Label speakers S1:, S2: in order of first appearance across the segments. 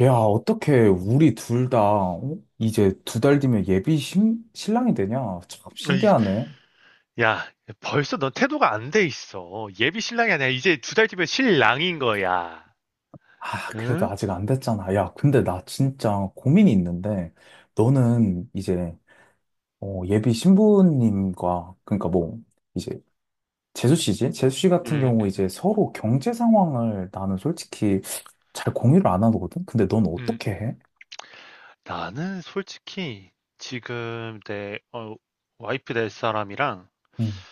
S1: 야, 어떻게 우리 둘 다, 어? 이제 두 달 뒤면 예비 신, 신랑이 되냐? 참
S2: 어이,
S1: 신기하네.
S2: 야, 벌써 넌 태도가 안 돼 있어. 예비 신랑이 아니야. 이제 두 달 뒤면 신랑인 거야.
S1: 아, 그래도
S2: 응?
S1: 아직 안 됐잖아. 야, 근데 나 진짜 고민이 있는데, 너는 이제, 예비 신부님과, 그러니까 뭐, 이제, 재수 씨지? 재수 씨 같은
S2: 음,
S1: 경우
S2: 음, 음,
S1: 이제 서로 경제 상황을 나는 솔직히 잘 공유를 안 하거든? 근데 넌
S2: 음,
S1: 어떻게
S2: 음.
S1: 해?
S2: 나는 솔직히 지금 내 와이프 될 사람이랑
S1: 음,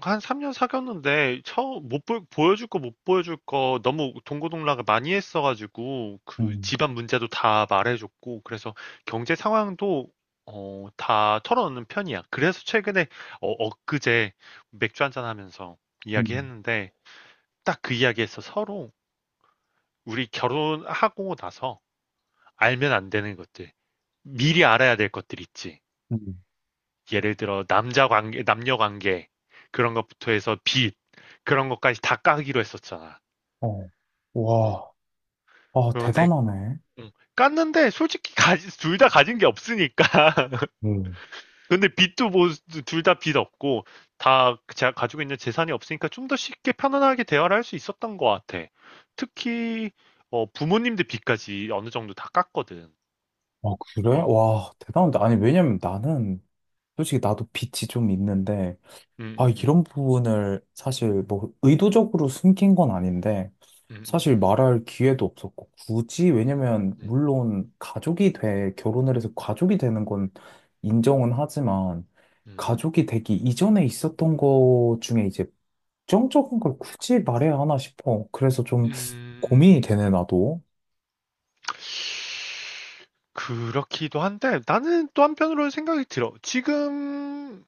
S2: 한 3년 사귀었는데 처음 못 보, 보여줄 거 못 보여줄 거 너무 동고동락을 많이 했어가지고 그
S1: 음,
S2: 집안 문제도 다 말해줬고 그래서 경제 상황도 다 털어놓는 편이야. 그래서 최근에 엊그제 맥주 한잔 하면서
S1: 음,
S2: 이야기했는데 딱 그 이야기에서 서로 우리 결혼하고 나서 알면 안 되는 것들 미리 알아야 될 것들 있지.
S1: 음.
S2: 예를 들어 남자 관계, 남녀 관계 그런 것부터 해서 빚 그런 것까지 다 까기로 했었잖아.
S1: 어,
S2: 어.
S1: 와, 아,
S2: 그런데
S1: 대단하네.
S2: 깠는데 솔직히 둘 다 가진 게 없으니까. 근데 빚도 뭐 둘 다 빚 없고 다 제가 가지고 있는 재산이 없으니까 좀 더 쉽게 편안하게 대화를 할 수 있었던 것 같아. 특히 부모님들 빚까지 어느 정도 다 깠거든.
S1: 아, 그래?
S2: 어,
S1: 와, 대단한데. 아니, 왜냐면 나는, 솔직히 나도 빛이 좀 있는데,
S2: 음,
S1: 아,
S2: 음,
S1: 이런 부분을 사실 뭐 의도적으로 숨긴 건 아닌데,
S2: 음, 음,
S1: 사실
S2: 음,
S1: 말할 기회도 없었고, 굳이, 왜냐면, 물론 가족이 돼, 결혼을 해서 가족이 되는 건 인정은 하지만,
S2: 음, 음,
S1: 가족이 되기 이전에 있었던 거 중에 이제 정적인 걸 굳이 말해야 하나 싶어. 그래서 좀
S2: 음,
S1: 고민이
S2: 음.
S1: 되네, 나도.
S2: 그렇기도 한데 나는 또 한편으로는 생각이 들어. 지금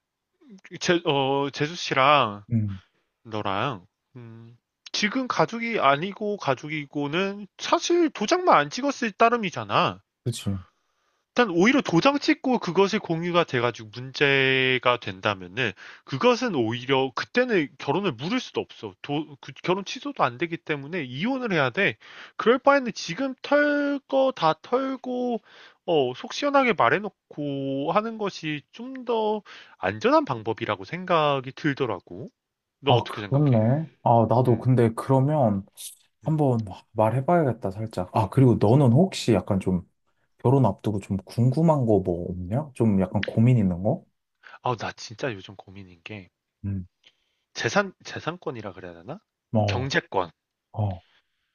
S2: 제수 씨랑
S1: 음,
S2: 너랑 음, 지금 가족이 아니고 가족이고는 사실 도장만 안 찍었을 따름이잖아.
S1: 그치.
S2: 일단 오히려 도장 찍고 그것이 공유가 돼가지고 문제가 된다면은 그것은 오히려 그때는 결혼을 물을 수도 없어. 그 결혼 취소도 안 되기 때문에 이혼을 해야 돼. 그럴 바에는 지금 털 거 다 털고 속 시원하게 말해놓고 하는 것이 좀 더 안전한 방법이라고 생각이 들더라고. 너
S1: 아,
S2: 어떻게 생각해?
S1: 그렇네. 아, 나도
S2: 음,
S1: 근데 그러면
S2: 음.
S1: 한번 말해봐야겠다, 살짝. 아, 그리고 너는 혹시 약간 좀 결혼 앞두고 좀 궁금한 거 뭐 없냐? 좀 약간 고민 있는 거?
S2: 아, 나 진짜 요즘 고민인 게
S1: 응.
S2: 재산 재산권이라 그래야 되나?
S1: 어,
S2: 경제권.
S1: 어,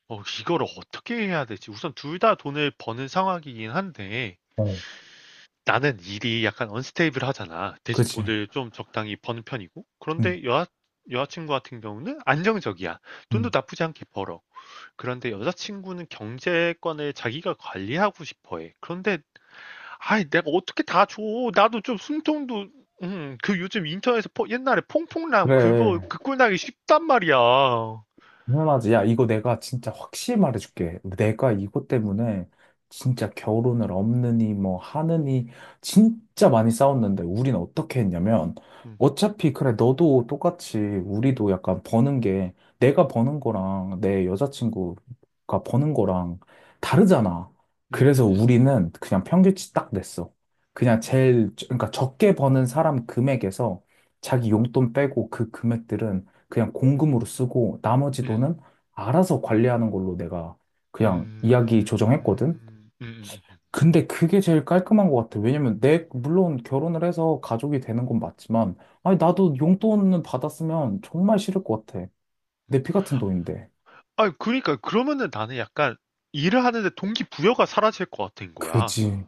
S2: 이걸 어떻게 해야 되지? 우선 둘 다 돈을 버는 상황이긴 한데,
S1: 어.
S2: 나는 일이 약간 언스테이블하잖아. 대신
S1: 그치.
S2: 돈을 좀 적당히 버는 편이고.
S1: 응,
S2: 그런데 여자친구 같은 경우는 안정적이야. 돈도
S1: 응.
S2: 나쁘지 않게 벌어. 그런데 여자친구는 경제권을 자기가 관리하고 싶어 해. 그런데, 아이, 내가 어떻게 다 줘? 나도 좀 숨통도, 그 요즘 인터넷에서 옛날에 퐁퐁남
S1: 그래.
S2: 그 꼴 나기 쉽단 말이야.
S1: 당연하지. 야, 이거 내가 진짜 확실히 말해줄게. 내가 이것 때문에 진짜 결혼을 없느니 뭐 하느니 진짜 많이 싸웠는데 우린 어떻게 했냐면
S2: 음,
S1: 어차피 그래 너도 똑같이 우리도 약간 버는 게 내가 버는 거랑 내 여자친구가 버는 거랑 다르잖아.
S2: 음,
S1: 그래서
S2: 음, 음, 음,
S1: 우리는 그냥 평균치 딱 냈어. 그냥
S2: 음, 음.
S1: 그러니까 적게 버는 사람 금액에서
S2: 음.
S1: 자기 용돈 빼고 그 금액들은 그냥 공금으로 쓰고 나머지
S2: 음.
S1: 돈은 알아서 관리하는 걸로 내가 그냥
S2: 음.
S1: 이야기 조정했거든.
S2: 음.
S1: 근데 그게 제일 깔끔한 것 같아. 왜냐면 내, 물론 결혼을 해서 가족이 되는 건 맞지만, 아니, 나도 용돈은 받았으면 정말 싫을 것 같아.
S2: 음.
S1: 내 피 같은 돈인데.
S2: 아 그러니까 그러면은 나는 약간 일을 하는데 동기부여가 사라질 것 같은 거야.
S1: 그지.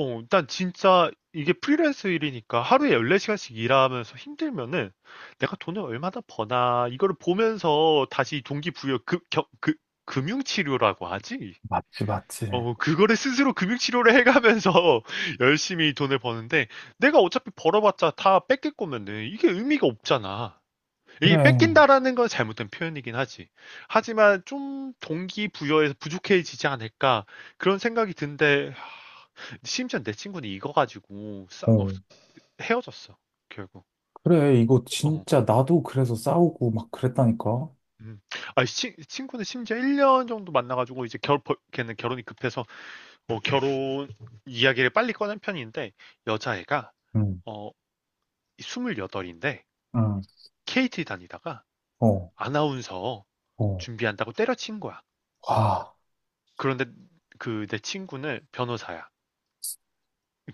S2: 난 진짜 이게 프리랜서 일이니까 하루에 14시간씩 일하면서 힘들면은 내가 돈을 얼마나 버나 이거를 보면서 다시 동기부여 그 금융치료라고 하지?
S1: 맞지, 맞지.
S2: 그거를 스스로 금융치료를 해가면서 열심히 돈을 버는데 내가 어차피 벌어봤자 다 뺏길 거면은 이게 의미가 없잖아. 이
S1: 그래.
S2: 뺏긴다라는 건 잘못된 표현이긴 하지. 하지만 좀 동기부여에서 부족해지지 않을까 그런 생각이 든데 심지어 내 친구는 이거 가지고
S1: 어.
S2: 헤어졌어 결국.
S1: 그래. 이거
S2: 어.
S1: 진짜 나도 그래서 싸우고 막 그랬다니까.
S2: 음. 아, 친구는 심지어 1년 정도 만나가지고 이제 걔는 결혼이 급해서 결혼 이야기를 빨리 꺼낸 편인데 여자애가
S1: 응.
S2: 어, 28인데
S1: 응.
S2: 케 케이티 다니다가
S1: 어.
S2: 아나운서
S1: 어.
S2: 준비한다고 때려친 거야.
S1: 와.
S2: 그런데 그 내 친구는 변호사야.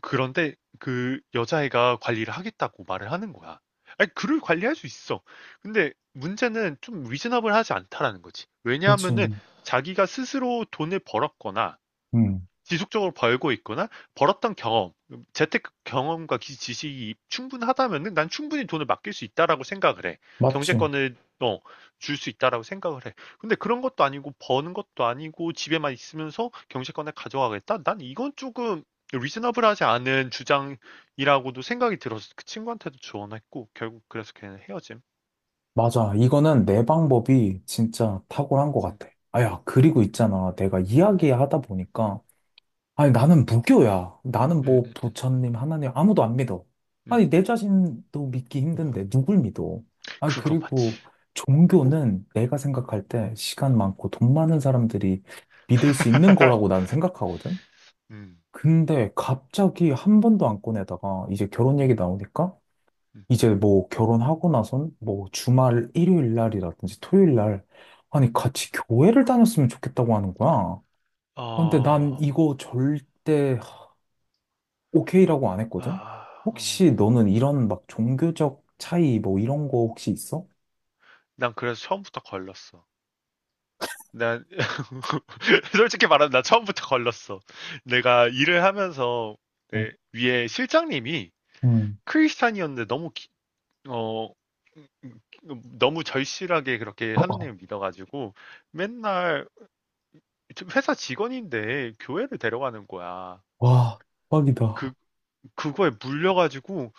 S2: 그런데 그 여자애가 관리를 하겠다고 말을 하는 거야. 아니, 그를 관리할 수 있어. 근데 문제는 좀 리즈너블하지 않다라는 거지. 왜냐하면은
S1: 그렇지.
S2: 자기가 스스로 돈을 벌었거나
S1: 응.
S2: 지속적으로 벌고 있거나 벌었던 경험, 재테크 경험과 지식이 충분하다면은 난 충분히 돈을 맡길 수 있다라고 생각을 해.
S1: 맞지.
S2: 경제권을 어, 줄 수 있다라고 생각을 해. 근데 그런 것도 아니고 버는 것도 아니고 집에만 있으면서 경제권을 가져가겠다? 난 이건 조금 리즈너블하지 않은 주장이라고도 생각이 들어서 그 친구한테도 조언했고 결국 그래서 걔는 헤어짐.
S1: 맞아. 이거는 내 방법이 진짜 탁월한 것
S2: 음,
S1: 같아. 아, 야, 그리고 있잖아. 내가
S2: 음,
S1: 이야기하다 보니까. 아니, 나는 무교야. 나는
S2: 음,
S1: 뭐
S2: 음, 음,
S1: 부처님, 하나님, 아무도 안 믿어. 아니,
S2: 음.
S1: 내 자신도 믿기 힘든데, 누굴 믿어? 아,
S2: 그거 맞지.
S1: 그리고 종교는 내가 생각할 때 시간 많고 돈 많은 사람들이 믿을 수 있는 거라고 난 생각하거든?
S2: 음,
S1: 근데 갑자기 한 번도 안 꺼내다가 이제 결혼 얘기
S2: 음,
S1: 나오니까
S2: 음,
S1: 이제 뭐 결혼하고 나선 뭐 주말 일요일 날이라든지 토요일 날 아니
S2: 음.
S1: 같이 교회를 다녔으면 좋겠다고 하는 거야. 아, 근데 난
S2: 어.
S1: 이거 절대 오케이라고 안 했거든.
S2: 아, 어.
S1: 혹시 너는 이런 막 종교적 차이 뭐 이런 거 혹시 있어?
S2: 난 그래서 처음부터 걸렸어. 난 솔직히 말하면 나 처음부터 걸렸어. 내가 일을 하면서
S1: 어,
S2: 내 위에 실장님이
S1: 음.
S2: 크리스찬이었는데 너무 어 음, 너무 절실하게 그렇게
S1: 어, 어.
S2: 하느님을 믿어가지고 맨날 회사 직원인데 교회를 데려가는 거야.
S1: 와,
S2: 그
S1: 대박이다.
S2: 그거에 물려가지고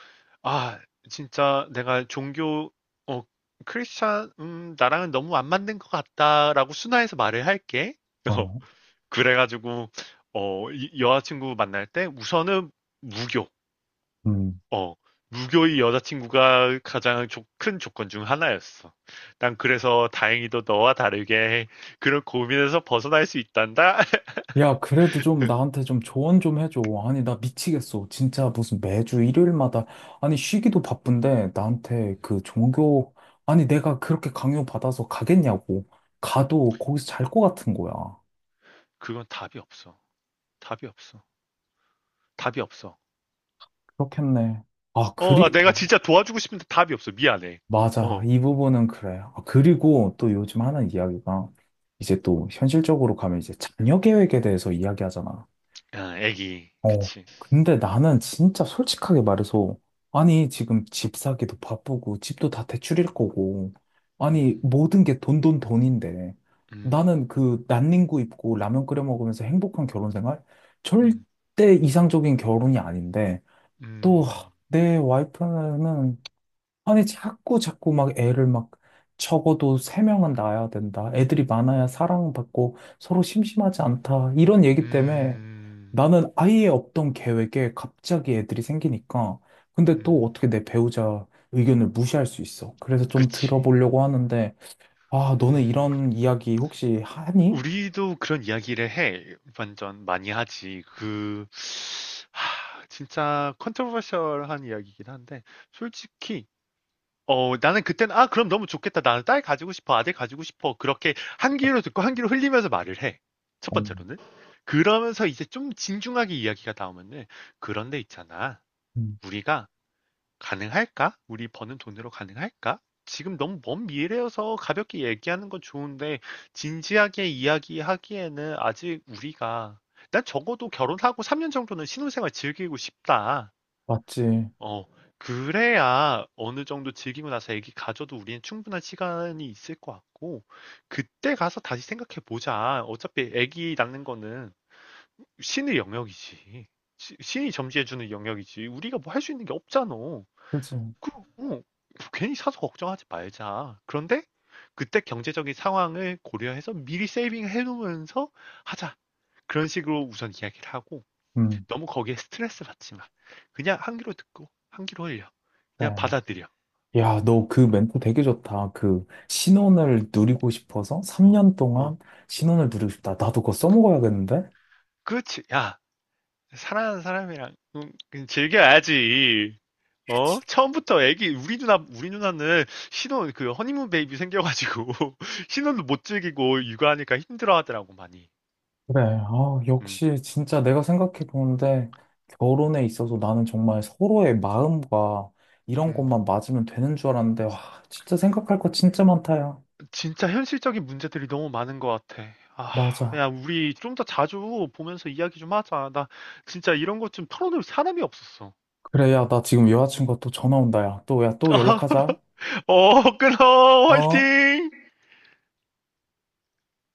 S2: 아 진짜 내가 종교 어 크리스찬 나랑은 너무 안 맞는 것 같다라고 순화해서 말을 할게. 어,
S1: 어,
S2: 그래가지고 여자친구 만날 때 우선은 무교
S1: 음.
S2: 어 무교의 여자친구가 가장 큰 조건 중 하나였어. 난 그래서 다행히도 너와 다르게 그런 고민에서 벗어날 수 있단다.
S1: 야, 그래도 좀 나한테 좀 조언 좀 해줘. 아니, 나 미치겠어. 진짜 무슨 매주 일요일마다, 아니, 쉬기도 바쁜데, 나한테 그 종교, 아니, 내가 그렇게 강요받아서 가겠냐고. 가도 거기서 잘 것 같은 거야.
S2: 그건 답이 없어. 답이 없어. 답이 없어.
S1: 그렇겠네. 아,
S2: 아,
S1: 그리고,
S2: 내가 진짜 도와주고 싶은데 답이 없어. 미안해.
S1: 맞아.
S2: 어,
S1: 이 부분은 그래. 아, 그리고 또 요즘 하는 이야기가, 이제 또 현실적으로 가면 이제 자녀 계획에 대해서 이야기하잖아.
S2: 아, 애기.
S1: 어,
S2: 그치.
S1: 근데 나는 진짜 솔직하게 말해서, 아니, 지금 집 사기도 바쁘고, 집도 다 대출일 거고, 아니,
S2: 음,
S1: 모든 게 돈, 돈, 돈인데,
S2: 음,
S1: 나는 그 난닝구 입고 라면 끓여 먹으면서 행복한 결혼 생활?
S2: 음,
S1: 절대 이상적인 결혼이 아닌데, 또,
S2: 음,
S1: 내 와이프는 아니, 자꾸 자꾸 막 애를 막 적어도 세명은 낳아야 된다. 애들이 많아야 사랑받고 서로 심심하지 않다. 이런 얘기 때문에
S2: 음,
S1: 나는 아예 없던 계획에 갑자기 애들이 생기니까. 근데 또
S2: 음,
S1: 어떻게 내 배우자 의견을 무시할 수 있어. 그래서 좀
S2: 그치.
S1: 들어보려고 하는데, 아, 너는
S2: 음,
S1: 이런 이야기 혹시 하니?
S2: 우리도 그런 이야기를 해. 완전 많이 하지. 진짜 컨트로버셜한 이야기이긴 한데, 솔직히 나는 그때는, 아, 그럼 너무 좋겠다. 나는 딸 가지고 싶어. 아들 가지고 싶어. 그렇게 한 귀로 듣고 한 귀로 흘리면서 말을 해. 첫
S1: 어,
S2: 번째로는. 그러면서 이제 좀 진중하게 이야기가 나오면은, 그런데 있잖아.
S1: 음,
S2: 우리가 가능할까? 우리 버는 돈으로 가능할까? 지금 너무 먼 미래여서 가볍게 얘기하는 건 좋은데, 진지하게 이야기하기에는 아직 우리가, 난 적어도 결혼하고 3년 정도는 신혼생활 즐기고 싶다.
S1: 맞지.
S2: 어, 그래야 어느 정도 즐기고 나서 애기 가져도 우리는 충분한 시간이 있을 것 같고, 그때 가서 다시 생각해 보자. 어차피 애기 낳는 거는 신의 영역이지. 신이 점지해주는 영역이지. 우리가 뭐 할 수 있는 게 없잖아.
S1: 그지.
S2: 그, 어, 괜히 사서 걱정하지 말자. 그런데 그때 경제적인 상황을 고려해서 미리 세이빙 해놓으면서 하자. 그런 식으로 우선 이야기를 하고,
S1: 음,
S2: 너무 거기에 스트레스 받지 마. 그냥 한 귀로 듣고 한 귀로 흘려. 그냥
S1: 그래.
S2: 받아들여. 어,
S1: 야, 너 그 멘트 되게 좋다. 그 신혼을 누리고 싶어서
S2: 어,
S1: 3년
S2: 어.
S1: 동안 신혼을 누리고 싶다. 나도 그거 써먹어야겠는데?
S2: 그렇지. 야, 사랑하는 사람이랑 그냥 즐겨야지. 어? 처음부터 애기 우리 누나는 신혼 그 허니문 베이비 생겨가지고 신혼도 못 즐기고 육아하니까 힘들어하더라고 많이.
S1: 그래. 아,
S2: 음,
S1: 역시 진짜 내가 생각해 보는데 결혼에 있어서 나는 정말 서로의 마음과 이런
S2: 음.
S1: 것만 맞으면 되는 줄 알았는데 와, 진짜 생각할 거 진짜 많다, 야.
S2: 진짜 현실적인 문제들이 너무 많은 것 같아. 아,
S1: 맞아.
S2: 야, 우리 좀 더 자주 보면서 이야기 좀 하자. 나 진짜 이런 것 좀 털어놓을 사람이 없었어.
S1: 그래, 야, 나 지금 여자친구가 또 전화 온다, 야. 또, 야, 또
S2: 어,
S1: 연락하자.
S2: 어, 끊어.
S1: 어?
S2: 화이팅!